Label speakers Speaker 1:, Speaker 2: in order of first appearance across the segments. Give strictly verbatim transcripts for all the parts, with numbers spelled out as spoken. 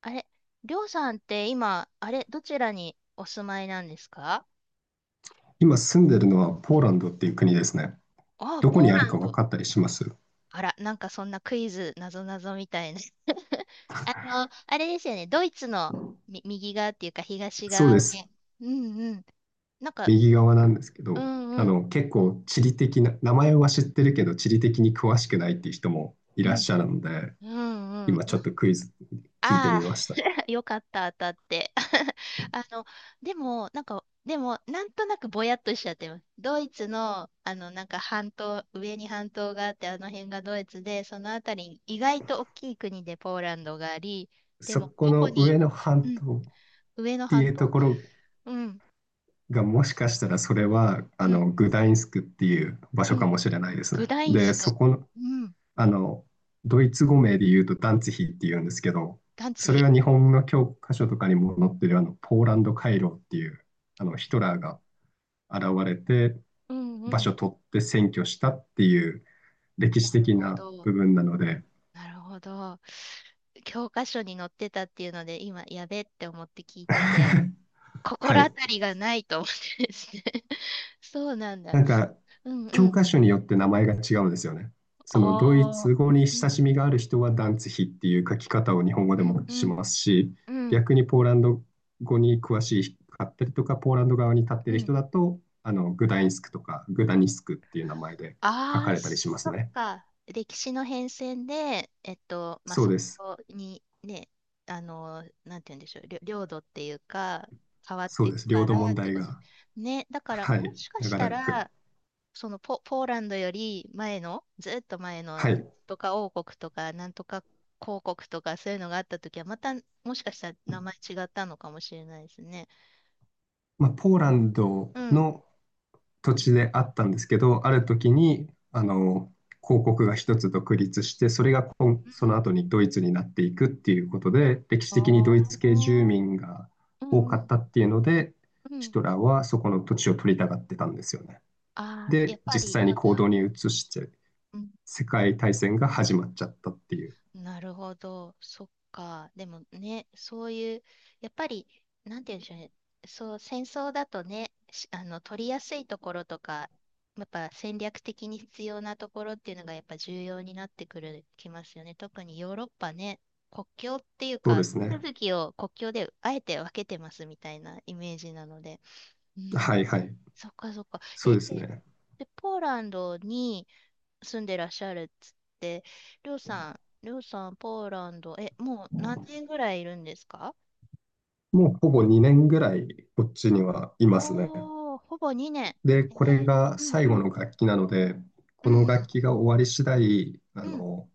Speaker 1: あれ、りょうさんって今、あれ、どちらにお住まいなんですか？
Speaker 2: 今住んでるのはポーランドっていう国ですね。
Speaker 1: ああ、
Speaker 2: どこ
Speaker 1: ポー
Speaker 2: にある
Speaker 1: ラン
Speaker 2: か分
Speaker 1: ド。
Speaker 2: かったりします？
Speaker 1: あら、なんかそんなクイズ、なぞなぞみたいな。あの、あれですよね、ドイツのみ右側っていうか東
Speaker 2: そうで
Speaker 1: 側
Speaker 2: す。
Speaker 1: で。うんうん。なんか、
Speaker 2: 右側なんですけ
Speaker 1: う
Speaker 2: ど、
Speaker 1: ん
Speaker 2: あ
Speaker 1: うん。
Speaker 2: の、結構地理的な、名前は知ってるけど地理的に詳しくないっていう人もい
Speaker 1: う
Speaker 2: らっ
Speaker 1: ん
Speaker 2: しゃるので、
Speaker 1: うんうん。
Speaker 2: 今ちょ
Speaker 1: な
Speaker 2: っとクイズ聞いて
Speaker 1: あ
Speaker 2: みま
Speaker 1: あ
Speaker 2: した。
Speaker 1: ー。よかった、当たって。あの、でも、なんか、でも、なんとなくぼやっとしちゃってます。ドイツの、あの、なんか半島、上に半島があって、あの辺がドイツで、そのあたりに、意外と大きい国でポーランドがあり、で
Speaker 2: そ
Speaker 1: も、
Speaker 2: こ
Speaker 1: どこ
Speaker 2: の
Speaker 1: に、
Speaker 2: 上の
Speaker 1: う
Speaker 2: 半
Speaker 1: ん、
Speaker 2: 島っ
Speaker 1: 上の
Speaker 2: てい
Speaker 1: 半
Speaker 2: うと
Speaker 1: 島、
Speaker 2: ころ
Speaker 1: うん、
Speaker 2: がもしかしたらそれは
Speaker 1: う
Speaker 2: あ
Speaker 1: ん、
Speaker 2: のグダインスクっていう場
Speaker 1: う
Speaker 2: 所か
Speaker 1: ん、
Speaker 2: もしれないです
Speaker 1: グ
Speaker 2: ね。
Speaker 1: ダイン
Speaker 2: で、
Speaker 1: スク、
Speaker 2: そこの、
Speaker 1: うん、
Speaker 2: あのドイツ語名で言うとダンツヒっていうんですけど、
Speaker 1: ダンツ
Speaker 2: それ
Speaker 1: ヒ。
Speaker 2: は日本の教科書とかにも載ってるあのポーランド回廊っていうあのヒトラーが現れて
Speaker 1: うんう
Speaker 2: 場所
Speaker 1: ん。
Speaker 2: 取って占拠したっていう歴
Speaker 1: な
Speaker 2: 史
Speaker 1: る
Speaker 2: 的
Speaker 1: ほ
Speaker 2: な
Speaker 1: ど。
Speaker 2: 部分なので、
Speaker 1: なるほど。教科書に載ってたっていうので、今、やべって思って聞いてて、
Speaker 2: は
Speaker 1: 心当
Speaker 2: い、
Speaker 1: たりがないと思ってですね。そうなん
Speaker 2: な
Speaker 1: だ。
Speaker 2: んか、
Speaker 1: うんう
Speaker 2: 教
Speaker 1: ん。
Speaker 2: 科書によって名前が違うんですよね。そのドイ
Speaker 1: ああ。
Speaker 2: ツ語に
Speaker 1: う
Speaker 2: 親
Speaker 1: ん
Speaker 2: しみがある人はダンツヒっていう書き方を日本語
Speaker 1: う
Speaker 2: で
Speaker 1: ん
Speaker 2: も
Speaker 1: う
Speaker 2: し
Speaker 1: ん
Speaker 2: ますし、
Speaker 1: うん
Speaker 2: 逆にポーランド語に詳しかったりとか、ポーランド側に立ってい
Speaker 1: う
Speaker 2: る
Speaker 1: ん。
Speaker 2: 人だと、あのグダインスクとかグダニスクっていう名前で書
Speaker 1: あ
Speaker 2: か
Speaker 1: あ、
Speaker 2: れたりしま
Speaker 1: そ
Speaker 2: す
Speaker 1: っ
Speaker 2: ね。
Speaker 1: か。歴史の変遷で、えっと、まあ、
Speaker 2: そう
Speaker 1: そ
Speaker 2: です。
Speaker 1: こにね、あの、なんて言うんでしょう、りょ領土っていうか、変わっ
Speaker 2: そ
Speaker 1: てい
Speaker 2: うで
Speaker 1: く
Speaker 2: す。領
Speaker 1: か
Speaker 2: 土
Speaker 1: ら
Speaker 2: 問
Speaker 1: って
Speaker 2: 題
Speaker 1: こと。
Speaker 2: が。
Speaker 1: ね、だから、
Speaker 2: は
Speaker 1: も
Speaker 2: い。
Speaker 1: しかし
Speaker 2: 長
Speaker 1: た
Speaker 2: らく。
Speaker 1: ら、そのポ、ポーランドより前の、ずっと前
Speaker 2: は
Speaker 1: の
Speaker 2: い。
Speaker 1: とか王国とか、なんとか公国とか、そういうのがあったときは、またもしかしたら名前違ったのかもしれないですね。
Speaker 2: まあ、ポーランド
Speaker 1: うん。
Speaker 2: の土地であったんですけど、ある
Speaker 1: う
Speaker 2: 時に、あの、公国が一つ独立して、それがこんそ
Speaker 1: ん。う
Speaker 2: の
Speaker 1: ん。
Speaker 2: 後にドイツになっていくっていうことで、歴史
Speaker 1: あ
Speaker 2: 的にドイツ
Speaker 1: あ
Speaker 2: 系住
Speaker 1: ー、
Speaker 2: 民が
Speaker 1: う
Speaker 2: 多
Speaker 1: んう
Speaker 2: かっ
Speaker 1: ん
Speaker 2: たっていうので、
Speaker 1: う
Speaker 2: ヒ
Speaker 1: ん。
Speaker 2: トラーはそこの土地を取りたがってたんですよね。
Speaker 1: ああ、や
Speaker 2: で、
Speaker 1: っぱ
Speaker 2: 実
Speaker 1: り
Speaker 2: 際
Speaker 1: な
Speaker 2: に
Speaker 1: んか、
Speaker 2: 行動に移して、
Speaker 1: うん。
Speaker 2: 世界大戦が始まっちゃったっていう。
Speaker 1: なるほど。そっか。でもね、そういう、やっぱり、なんて言うんでしょうね。そう、戦争だとね、しあの、取りやすいところとか、やっぱ戦略的に必要なところっていうのがやっぱ重要になってくる、きますよね。特にヨーロッパね、国境っていう
Speaker 2: そう
Speaker 1: か、
Speaker 2: で
Speaker 1: 地
Speaker 2: すね。
Speaker 1: 続きを国境であえて分けてますみたいなイメージなので。うん。
Speaker 2: はいはい。
Speaker 1: そっかそっか。
Speaker 2: そう
Speaker 1: え、
Speaker 2: です
Speaker 1: で、
Speaker 2: ね。
Speaker 1: でポーランドに、住んでらっしゃるっつって、りょうさん、りょうさん、ポーランド、え、もう何年ぐらいいるんですか？
Speaker 2: もうほぼにねんぐらいこっちにはいますね。
Speaker 1: おー、ほぼ2
Speaker 2: で、
Speaker 1: 年。
Speaker 2: これ
Speaker 1: え
Speaker 2: が
Speaker 1: ーうん
Speaker 2: 最
Speaker 1: う
Speaker 2: 後
Speaker 1: ん、
Speaker 2: の楽器なので、
Speaker 1: う
Speaker 2: こ
Speaker 1: ん
Speaker 2: の
Speaker 1: う
Speaker 2: 楽
Speaker 1: ん、
Speaker 2: 器が終わり次第、あ
Speaker 1: うん、
Speaker 2: の、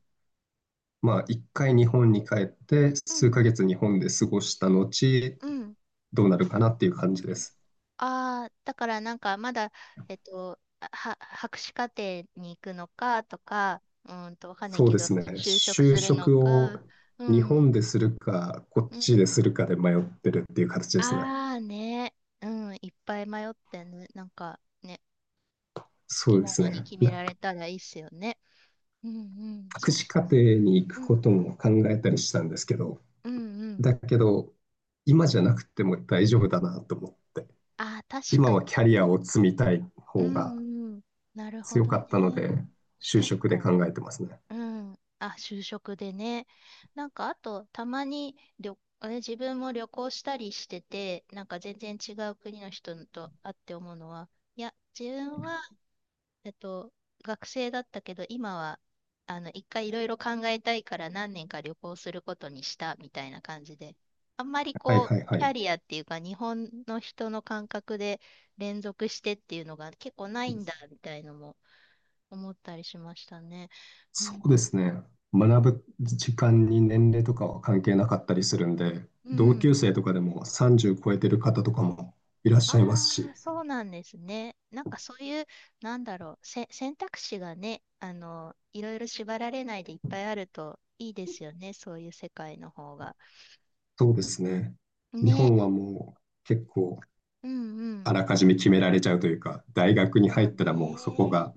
Speaker 2: まあ、一回日本に帰って、
Speaker 1: う
Speaker 2: 数ヶ
Speaker 1: ん、
Speaker 2: 月日本で過ごした後、
Speaker 1: うん。
Speaker 2: どうなるかなっていう感じです。
Speaker 1: ああー、だからなんかまだ、えっと、あは、博士課程に行くのかとか、うーんと、わかんない
Speaker 2: そう
Speaker 1: け
Speaker 2: で
Speaker 1: ど、
Speaker 2: すね。
Speaker 1: 就職
Speaker 2: 就
Speaker 1: するの
Speaker 2: 職
Speaker 1: か、
Speaker 2: を
Speaker 1: う
Speaker 2: 日
Speaker 1: ん、
Speaker 2: 本でするか、こっ
Speaker 1: う
Speaker 2: ち
Speaker 1: ん。
Speaker 2: でするかで迷ってるっていう形ですね。
Speaker 1: ああね、うん、いっぱい迷ってね、なんかね、好
Speaker 2: そ
Speaker 1: き
Speaker 2: うで
Speaker 1: な
Speaker 2: す
Speaker 1: のに
Speaker 2: ね。
Speaker 1: 決め
Speaker 2: な
Speaker 1: られたらいいっすよね。うんうん。
Speaker 2: 博
Speaker 1: そっ
Speaker 2: 士課
Speaker 1: か、
Speaker 2: 程
Speaker 1: そっか。
Speaker 2: に行く
Speaker 1: うん
Speaker 2: ことも考えたりしたんですけど、
Speaker 1: うんうん。
Speaker 2: だけど、今じゃなくても大丈夫だなと思って。
Speaker 1: ああ、確
Speaker 2: 今
Speaker 1: かに。
Speaker 2: はキャリアを積みたい
Speaker 1: う
Speaker 2: 方が
Speaker 1: んうん。なるほ
Speaker 2: 強か
Speaker 1: ど
Speaker 2: ったの
Speaker 1: ね。
Speaker 2: で、就
Speaker 1: 確
Speaker 2: 職で
Speaker 1: かに。
Speaker 2: 考えてますね。
Speaker 1: うん。あ、就職でね。なんか、あと、たまに旅、あれ自分も旅行したりしてて、なんか全然違う国の人と会って思うのは、いや、自分はえっと、学生だったけど、今は、あの、一回いろいろ考えたいから何年か旅行することにしたみたいな感じで、あんまり
Speaker 2: はい
Speaker 1: こう、
Speaker 2: はいは
Speaker 1: キャ
Speaker 2: い。
Speaker 1: リアっていうか、日本の人の感覚で連続してっていうのが結構ないんだみたいのも思ったりしましたね。う
Speaker 2: そ
Speaker 1: ん。
Speaker 2: うですね。学ぶ時間に年齢とかは関係なかったりするんで、
Speaker 1: う
Speaker 2: 同
Speaker 1: ん。
Speaker 2: 級生とかでもさんじゅう超えてる方とかもいらっ
Speaker 1: あ
Speaker 2: しゃいます
Speaker 1: あ、
Speaker 2: し、
Speaker 1: そうなんですね。なんかそういう、なんだろう、せ、選択肢がね、あの、いろいろ縛られないでいっぱいあるといいですよね、そういう世界の方が。
Speaker 2: そうですね。日
Speaker 1: ね。
Speaker 2: 本はもう結構
Speaker 1: うんう
Speaker 2: あ
Speaker 1: ん。
Speaker 2: らかじめ決められちゃうというか、大学に入
Speaker 1: そう
Speaker 2: ったらもうそこ
Speaker 1: ね。
Speaker 2: が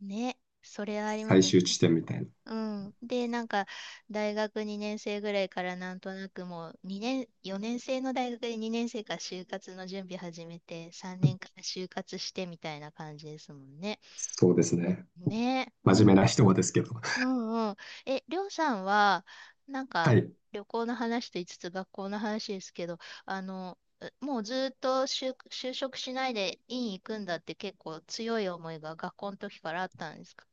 Speaker 1: ね、それはありま
Speaker 2: 最
Speaker 1: すね。
Speaker 2: 終地点みたいな。
Speaker 1: うん。で、なんか、大学にねん生ぐらいからなんとなくもう、にねん、よねん生の大学でにねん生から就活の準備始めて、さんねんから就活してみたいな感じですもんね。
Speaker 2: そうですね。
Speaker 1: ね、う
Speaker 2: 真面
Speaker 1: んうん。
Speaker 2: 目な人はですけど。
Speaker 1: うんうん。え、りょうさんは、なん
Speaker 2: は
Speaker 1: か、
Speaker 2: い。
Speaker 1: 旅行の話と言いつつ学校の話ですけど、あの、うもうずっと就、就職しないで院行くんだって結構強い思いが学校の時からあったんですか？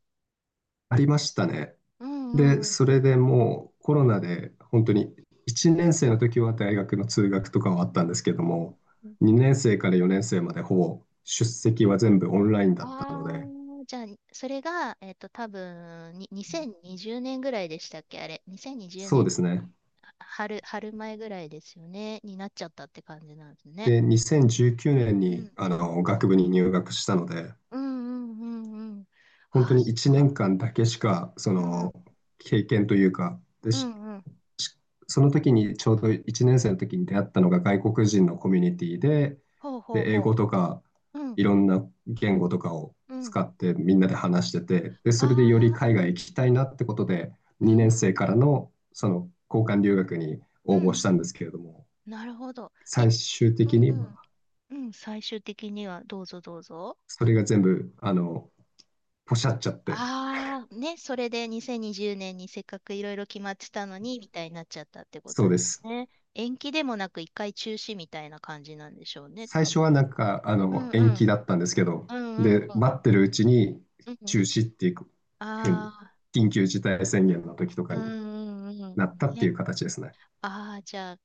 Speaker 2: ありましたね。
Speaker 1: うん
Speaker 2: で、
Speaker 1: うん
Speaker 2: それでもうコロナで本当にいちねん生の時は大学の通学とかはあったんですけども、
Speaker 1: うん。
Speaker 2: にねん生からよねん生までほぼ出席は全部オンラインだったの
Speaker 1: あ
Speaker 2: で、
Speaker 1: あ、じゃあ、それが、えっと、多分に、にせんにじゅうねんぐらいでしたっけあれ、2020
Speaker 2: そうで
Speaker 1: 年、
Speaker 2: すね。
Speaker 1: は春、春前ぐらいですよね、になっちゃったって感じなんですね。
Speaker 2: で、にせんじゅうきゅうねん
Speaker 1: う
Speaker 2: に
Speaker 1: ん。
Speaker 2: あの学部に入学したので、
Speaker 1: うんうんうんうん。
Speaker 2: 本
Speaker 1: あ
Speaker 2: 当
Speaker 1: あ、
Speaker 2: に
Speaker 1: そっ
Speaker 2: 1年
Speaker 1: か。
Speaker 2: 間だけしかそ
Speaker 1: う
Speaker 2: の
Speaker 1: ん。
Speaker 2: 経験というか、で
Speaker 1: う
Speaker 2: し
Speaker 1: んうん。
Speaker 2: しその時にちょうどいちねん生の時に出会ったのが外国人のコミュニティで、
Speaker 1: ほうほう
Speaker 2: で、英語
Speaker 1: ほ
Speaker 2: とか
Speaker 1: う。うん
Speaker 2: いろんな言語とかを
Speaker 1: うん。
Speaker 2: 使ってみんなで話してて、で、それでより
Speaker 1: ああ、う
Speaker 2: 海外
Speaker 1: ん。
Speaker 2: 行きたいなってことで、
Speaker 1: うん
Speaker 2: 2
Speaker 1: う
Speaker 2: 年
Speaker 1: ん。
Speaker 2: 生からのその交換留学に
Speaker 1: う
Speaker 2: 応募
Speaker 1: ん
Speaker 2: し
Speaker 1: う
Speaker 2: た
Speaker 1: ん。
Speaker 2: んですけれども、
Speaker 1: なるほど。え、
Speaker 2: 最終
Speaker 1: う
Speaker 2: 的に
Speaker 1: んう
Speaker 2: ま
Speaker 1: ん。
Speaker 2: あ
Speaker 1: うん、最終的にはどうぞどうぞ。
Speaker 2: それが全部あのポシャっちゃって、
Speaker 1: ああ、ね、それでにせんにじゅうねんにじゅうねんにせっかくいろいろ決まってたのに、みたいになっちゃったってこ
Speaker 2: そ
Speaker 1: と
Speaker 2: うで
Speaker 1: です
Speaker 2: す。
Speaker 1: ね。延期でもなく一回中止みたいな感じなんでしょうね、
Speaker 2: 最
Speaker 1: 多
Speaker 2: 初
Speaker 1: 分
Speaker 2: はな
Speaker 1: ね。
Speaker 2: んか、あ
Speaker 1: う
Speaker 2: の、
Speaker 1: んう
Speaker 2: 延期
Speaker 1: ん。
Speaker 2: だったんですけど、
Speaker 1: うんうん
Speaker 2: で、
Speaker 1: うん。
Speaker 2: 待ってるうちに
Speaker 1: うん。
Speaker 2: 中止っていうふうに、
Speaker 1: あ
Speaker 2: 緊急事態宣言の時と
Speaker 1: あ、
Speaker 2: か
Speaker 1: う
Speaker 2: に
Speaker 1: んうんうん。
Speaker 2: なったって
Speaker 1: ね。
Speaker 2: いう形ですね。
Speaker 1: ああ、じゃあ、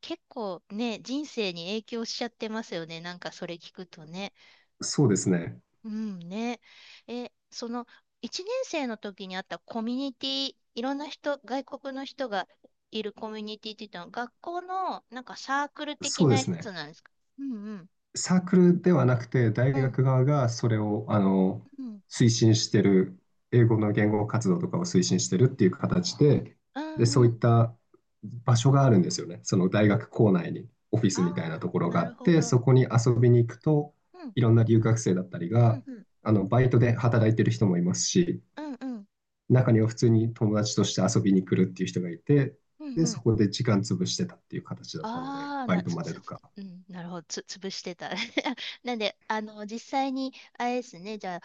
Speaker 1: 結構ね、人生に影響しちゃってますよね。なんかそれ聞くとね。
Speaker 2: そうですね。
Speaker 1: うんね。え、その、いちねん生の時にあったコミュニティ、いろんな人、外国の人がいるコミュニティって言ったの、学校のなんかサークル的
Speaker 2: そうで
Speaker 1: なや
Speaker 2: す
Speaker 1: つ
Speaker 2: ね。
Speaker 1: なんですか？うんうん。
Speaker 2: サークルではなくて、大
Speaker 1: うん。
Speaker 2: 学側がそれを、あの、
Speaker 1: うん。
Speaker 2: 推進してる、英語の言語活動とかを推進してるっていう形で、
Speaker 1: う
Speaker 2: で、そ
Speaker 1: んう
Speaker 2: ういっ
Speaker 1: ん。
Speaker 2: た場所があるんですよね。その大学構内にオフィス
Speaker 1: あ
Speaker 2: みたいな
Speaker 1: あ、
Speaker 2: ところが
Speaker 1: な
Speaker 2: あ
Speaker 1: る
Speaker 2: っ
Speaker 1: ほ
Speaker 2: て、
Speaker 1: ど。
Speaker 2: そこに遊びに行くと、
Speaker 1: うん。
Speaker 2: いろんな留学生だったり
Speaker 1: う
Speaker 2: が、
Speaker 1: んうん。
Speaker 2: あの、バイトで働いてる人もいますし、
Speaker 1: うんうん。
Speaker 2: 中には普通に友達として遊びに来るっていう人がいて、
Speaker 1: うん
Speaker 2: で、
Speaker 1: う
Speaker 2: そ
Speaker 1: ん。
Speaker 2: こで時間潰してたっていう形だったので、
Speaker 1: ああ、
Speaker 2: バ
Speaker 1: な、
Speaker 2: イト
Speaker 1: つ、
Speaker 2: まで
Speaker 1: つ、
Speaker 2: とか。
Speaker 1: うん、なるほど。つ、潰してた。なんで、あの、実際に、あれですね、じゃあ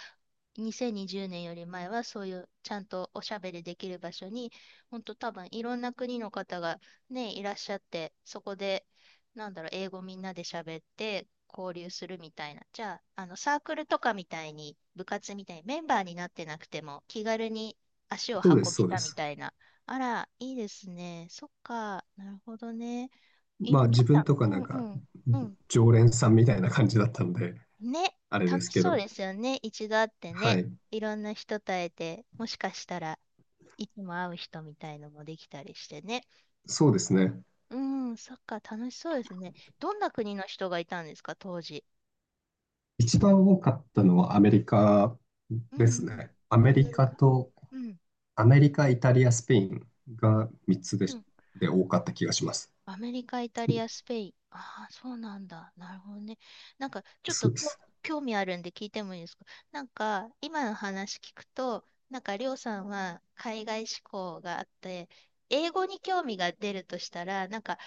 Speaker 1: にせんにじゅうねんより前はそういうちゃんとおしゃべりできる場所に、本当多分いろんな国の方がね、いらっしゃって、そこで、なんだろう、英語みんなで喋って交流するみたいな。じゃあ、あのサークルとかみたいに、部活みたいにメンバーになってなくても気軽に足を
Speaker 2: そうで
Speaker 1: 運
Speaker 2: す、
Speaker 1: べ
Speaker 2: そうで
Speaker 1: たみ
Speaker 2: す。
Speaker 1: たいな。あら、いいですね。そっか、なるほどね。い、
Speaker 2: まあ
Speaker 1: ど
Speaker 2: 自
Speaker 1: ん
Speaker 2: 分
Speaker 1: な、
Speaker 2: とか
Speaker 1: う
Speaker 2: な
Speaker 1: ん
Speaker 2: ん
Speaker 1: う
Speaker 2: か
Speaker 1: ん、うん。
Speaker 2: 常連さんみたいな感じだったので、
Speaker 1: ね、
Speaker 2: あれです
Speaker 1: 楽し
Speaker 2: け
Speaker 1: そう
Speaker 2: ど、
Speaker 1: ですよね。一度会って
Speaker 2: は
Speaker 1: ね、
Speaker 2: い、
Speaker 1: いろんな人と会えて、もしかしたらいつも会う人みたいのもできたりしてね。
Speaker 2: そうですね。
Speaker 1: うん、そっか、楽しそうですね。どんな国の人がいたんですか、当時。
Speaker 2: 一番多かったのはアメリカ
Speaker 1: う
Speaker 2: で
Speaker 1: ん
Speaker 2: す
Speaker 1: うん。
Speaker 2: ね。ア
Speaker 1: ア
Speaker 2: メ
Speaker 1: メ
Speaker 2: リ
Speaker 1: リ
Speaker 2: カ
Speaker 1: カ。
Speaker 2: と、
Speaker 1: うん。
Speaker 2: アメリカ、イタリア、スペインがみっつで
Speaker 1: う
Speaker 2: し、
Speaker 1: ん。
Speaker 2: で多かった気がします。
Speaker 1: アメリカ、イタリア、スペイン。ああ、そうなんだ。なるほどね。なんか、ちょっ
Speaker 2: そ
Speaker 1: と
Speaker 2: うで
Speaker 1: こ
Speaker 2: す。
Speaker 1: 興味あるんで聞いてもいいですか？なんか、今の話聞くと、なんか、りょうさんは海外志向があって、英語に興味が出るとしたら、なんか、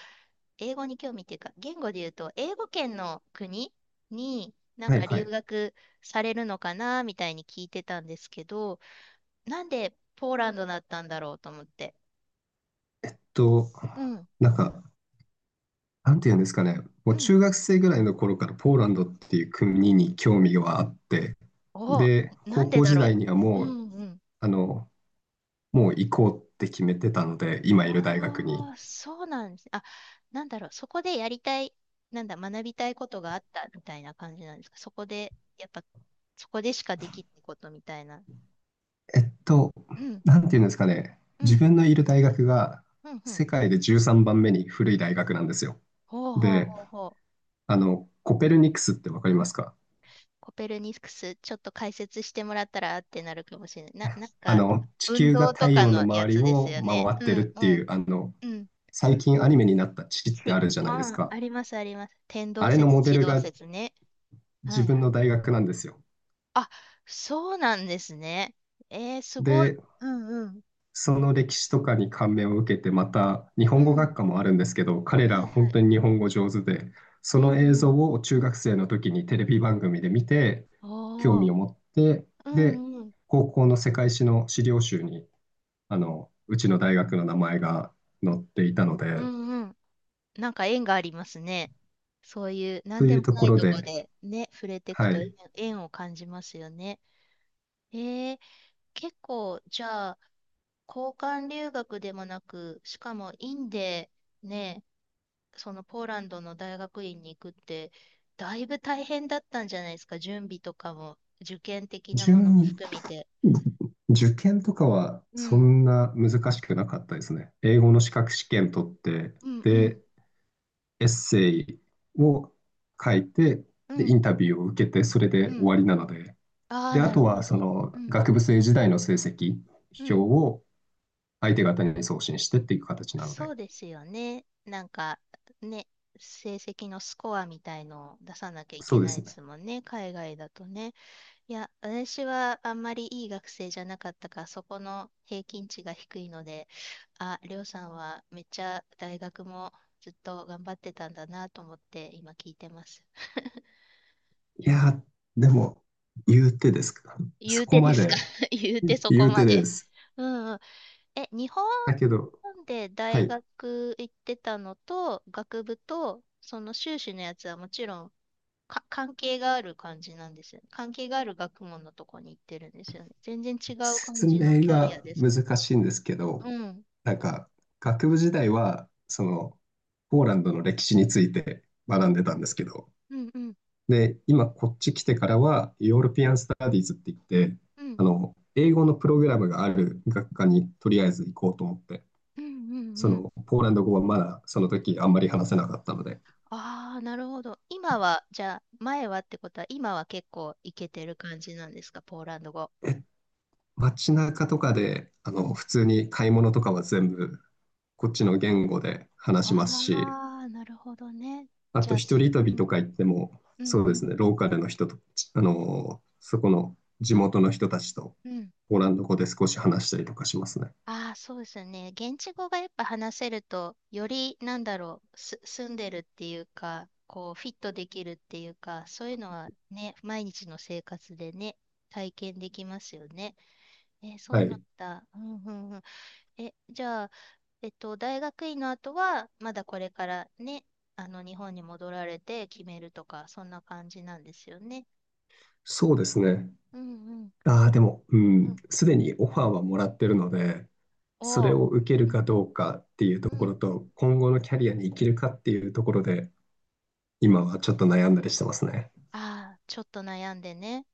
Speaker 1: 英語に興味っていうか、言語で言うと、英語圏の国になん
Speaker 2: はい
Speaker 1: か
Speaker 2: は
Speaker 1: 留
Speaker 2: い。
Speaker 1: 学されるのかな、みたいに聞いてたんですけど、なんでポーランドだったんだろうと思って。
Speaker 2: えっと、
Speaker 1: うん、
Speaker 2: なんか、なんていうんですかね、も
Speaker 1: う
Speaker 2: う
Speaker 1: ん。
Speaker 2: 中学生ぐらいの頃からポーランドっていう国に興味があって、
Speaker 1: お、
Speaker 2: で、
Speaker 1: なん
Speaker 2: 高
Speaker 1: で
Speaker 2: 校
Speaker 1: だ
Speaker 2: 時代
Speaker 1: ろ
Speaker 2: には
Speaker 1: う。う
Speaker 2: もう、
Speaker 1: んうん。
Speaker 2: あの、もう行こうって決めてたので、今いる大学に。
Speaker 1: ああ、そうなんです。あ、なんだろう。そこでやりたい、なんだ、学びたいことがあったみたいな感じなんですか。そこで、やっぱ、そこでしかできないことみたいな。
Speaker 2: えっと、
Speaker 1: うん、
Speaker 2: なんていうんですかね、
Speaker 1: う
Speaker 2: 自
Speaker 1: ん、
Speaker 2: 分のいる大学が
Speaker 1: うん、うん。
Speaker 2: 世界でじゅうさんばんめに古い大学なんですよ。
Speaker 1: ほうほう
Speaker 2: で、
Speaker 1: ほうほう。
Speaker 2: あの、コペルニクスってわかりますか？
Speaker 1: コペルニクス、ちょっと解説してもらったらあってなるかもしれない。な、なん
Speaker 2: あ
Speaker 1: か、
Speaker 2: の、地
Speaker 1: 運
Speaker 2: 球が
Speaker 1: 動
Speaker 2: 太
Speaker 1: とか
Speaker 2: 陽の
Speaker 1: のや
Speaker 2: 周り
Speaker 1: つです
Speaker 2: を
Speaker 1: よ
Speaker 2: 回
Speaker 1: ね。
Speaker 2: って
Speaker 1: う
Speaker 2: るっ
Speaker 1: ん、
Speaker 2: て
Speaker 1: う
Speaker 2: い
Speaker 1: ん、
Speaker 2: う、あの、
Speaker 1: うん。
Speaker 2: 最近アニメになった地って
Speaker 1: ち、
Speaker 2: あるじゃないです
Speaker 1: ああ、
Speaker 2: か。
Speaker 1: あります、あります。天動
Speaker 2: あれの
Speaker 1: 説、
Speaker 2: モデ
Speaker 1: 地
Speaker 2: ル
Speaker 1: 動
Speaker 2: が
Speaker 1: 説ね。は
Speaker 2: 自
Speaker 1: い
Speaker 2: 分
Speaker 1: は
Speaker 2: の
Speaker 1: い。
Speaker 2: 大学なんですよ。
Speaker 1: あ、そうなんですね。えー、すごい。
Speaker 2: で、
Speaker 1: うんうん。
Speaker 2: その歴史とかに感銘を受けて、また日
Speaker 1: う
Speaker 2: 本語
Speaker 1: ん。
Speaker 2: 学科もあるんですけど、彼
Speaker 1: は
Speaker 2: ら
Speaker 1: いは
Speaker 2: 本
Speaker 1: い。
Speaker 2: 当に日本語上手で、
Speaker 1: う
Speaker 2: その
Speaker 1: ん
Speaker 2: 映
Speaker 1: う
Speaker 2: 像
Speaker 1: ん。
Speaker 2: を中学生の時にテレビ番組で見て、興
Speaker 1: お
Speaker 2: 味
Speaker 1: ー。
Speaker 2: を持って、
Speaker 1: う
Speaker 2: で、
Speaker 1: んうん。
Speaker 2: 高校の世界史の資料集に、あの、うちの大学の名前が載っていたの
Speaker 1: う
Speaker 2: で、
Speaker 1: んうん。なんか縁がありますね。そういう
Speaker 2: と
Speaker 1: 何
Speaker 2: い
Speaker 1: で
Speaker 2: う
Speaker 1: も
Speaker 2: と
Speaker 1: な
Speaker 2: こ
Speaker 1: い
Speaker 2: ろ
Speaker 1: とこ
Speaker 2: で、
Speaker 1: でね、触れていく
Speaker 2: は
Speaker 1: と縁
Speaker 2: い。
Speaker 1: 縁を感じますよね。えー、結構、じゃあ、交換留学でもなく、しかもインでね、そのポーランドの大学院に行くって、だいぶ大変だったんじゃないですか、準備とかも、受験的なものも
Speaker 2: 準、
Speaker 1: 含めて。
Speaker 2: 受験とかは
Speaker 1: う
Speaker 2: そ
Speaker 1: ん、
Speaker 2: んな難しくなかったですね。英語の資格試験取って、
Speaker 1: うん、うん、
Speaker 2: で、エッセイを書いて、
Speaker 1: う
Speaker 2: で、イ
Speaker 1: ん、
Speaker 2: ンタビューを受けて、それ
Speaker 1: う
Speaker 2: で終
Speaker 1: ん。
Speaker 2: わりなので、
Speaker 1: ああ、
Speaker 2: で、あ
Speaker 1: なる
Speaker 2: と
Speaker 1: ほ
Speaker 2: はそ
Speaker 1: ど。う
Speaker 2: の
Speaker 1: ん、
Speaker 2: 学部生時代の成績
Speaker 1: う
Speaker 2: 表
Speaker 1: ん。
Speaker 2: を相手方に送信してっていう形なの
Speaker 1: そ
Speaker 2: で、
Speaker 1: うですよね。なんか、ね、成績のスコアみたいのを出さなきゃい
Speaker 2: そ
Speaker 1: け
Speaker 2: うで
Speaker 1: ない
Speaker 2: す
Speaker 1: で
Speaker 2: ね。
Speaker 1: すもんね、海外だとね。いや、私はあんまりいい学生じゃなかったから、そこの平均値が低いので、あ、りょうさんはめっちゃ大学もずっと頑張ってたんだなと思って今聞いてます。
Speaker 2: いやでも、言うてですか。
Speaker 1: 言
Speaker 2: そ
Speaker 1: う
Speaker 2: こ
Speaker 1: てで
Speaker 2: ま
Speaker 1: すか？
Speaker 2: で
Speaker 1: 言うてそ
Speaker 2: 言
Speaker 1: こ
Speaker 2: うて
Speaker 1: ま
Speaker 2: で
Speaker 1: で。
Speaker 2: す。
Speaker 1: うんうん。え、日本、
Speaker 2: だけ
Speaker 1: 日
Speaker 2: ど、
Speaker 1: 本で
Speaker 2: は
Speaker 1: 大
Speaker 2: い、
Speaker 1: 学行ってたのと、学部と、その修士のやつはもちろんか関係がある感じなんですよね。関係がある学問のとこに行ってるんですよね。全然違う感
Speaker 2: 説
Speaker 1: じの
Speaker 2: 明
Speaker 1: キャリア
Speaker 2: が
Speaker 1: です
Speaker 2: 難
Speaker 1: か？
Speaker 2: しいんですけ
Speaker 1: う
Speaker 2: ど、
Speaker 1: ん。
Speaker 2: なんか、学部時代は、その、ポーランドの歴史について
Speaker 1: う
Speaker 2: 学んでたん
Speaker 1: ん
Speaker 2: ですけど、
Speaker 1: うんうん
Speaker 2: で、今こっち来てからは、ヨーロピアン・スタディーズって言って、
Speaker 1: うん
Speaker 2: あの、英語のプログラムがある学科にとりあえず行こうと思って、
Speaker 1: うんうんうんうん
Speaker 2: そ
Speaker 1: うん。
Speaker 2: の、ポーランド語はまだその時あんまり話せなかったので、
Speaker 1: ああ、なるほど。今は、じゃあ、前はってことは、今は結構いけてる感じなんですか、ポーランド語。
Speaker 2: え、街中とかで、あ
Speaker 1: う
Speaker 2: の、
Speaker 1: ん。
Speaker 2: 普通に買い物とかは全部こっちの言語で話しますし、
Speaker 1: ああ、なるほどね。
Speaker 2: あ
Speaker 1: じゃ
Speaker 2: と
Speaker 1: あ、
Speaker 2: 一
Speaker 1: す
Speaker 2: 人
Speaker 1: う
Speaker 2: 旅と
Speaker 1: ん、
Speaker 2: か行っても、
Speaker 1: うん、
Speaker 2: そう
Speaker 1: う
Speaker 2: で
Speaker 1: ん、
Speaker 2: すね、ローカルの人と、あの、そこの地元の人たちと、
Speaker 1: うん。
Speaker 2: ポーランド語で少し話したりとかしますね。
Speaker 1: ああ、そうですよね。現地語がやっぱ話せると、より、なんだろう、す、住んでるっていうか、こう、フィットできるっていうか、そういうのはね、毎日の生活でね、体験できますよね。えーそう
Speaker 2: は
Speaker 1: なん
Speaker 2: い。
Speaker 1: だ。うん、うん、うん。え、じゃあ、えっと、大学院の後は、まだこれからね、あの、日本に戻られて決めるとか、そんな感じなんですよね。
Speaker 2: そうですね。
Speaker 1: うんうん。
Speaker 2: ああ、でも、う
Speaker 1: う
Speaker 2: ん、
Speaker 1: ん、
Speaker 2: すでにオファーはもらってるので、そ
Speaker 1: お
Speaker 2: れ
Speaker 1: ー
Speaker 2: を受ける
Speaker 1: う
Speaker 2: か
Speaker 1: ん。
Speaker 2: どうかっていうと
Speaker 1: う
Speaker 2: ころ
Speaker 1: ん。
Speaker 2: と、今後のキャリアに生きるかっていうところで、今はちょっと悩んだりしてますね。
Speaker 1: ああ、ちょっと悩んでね。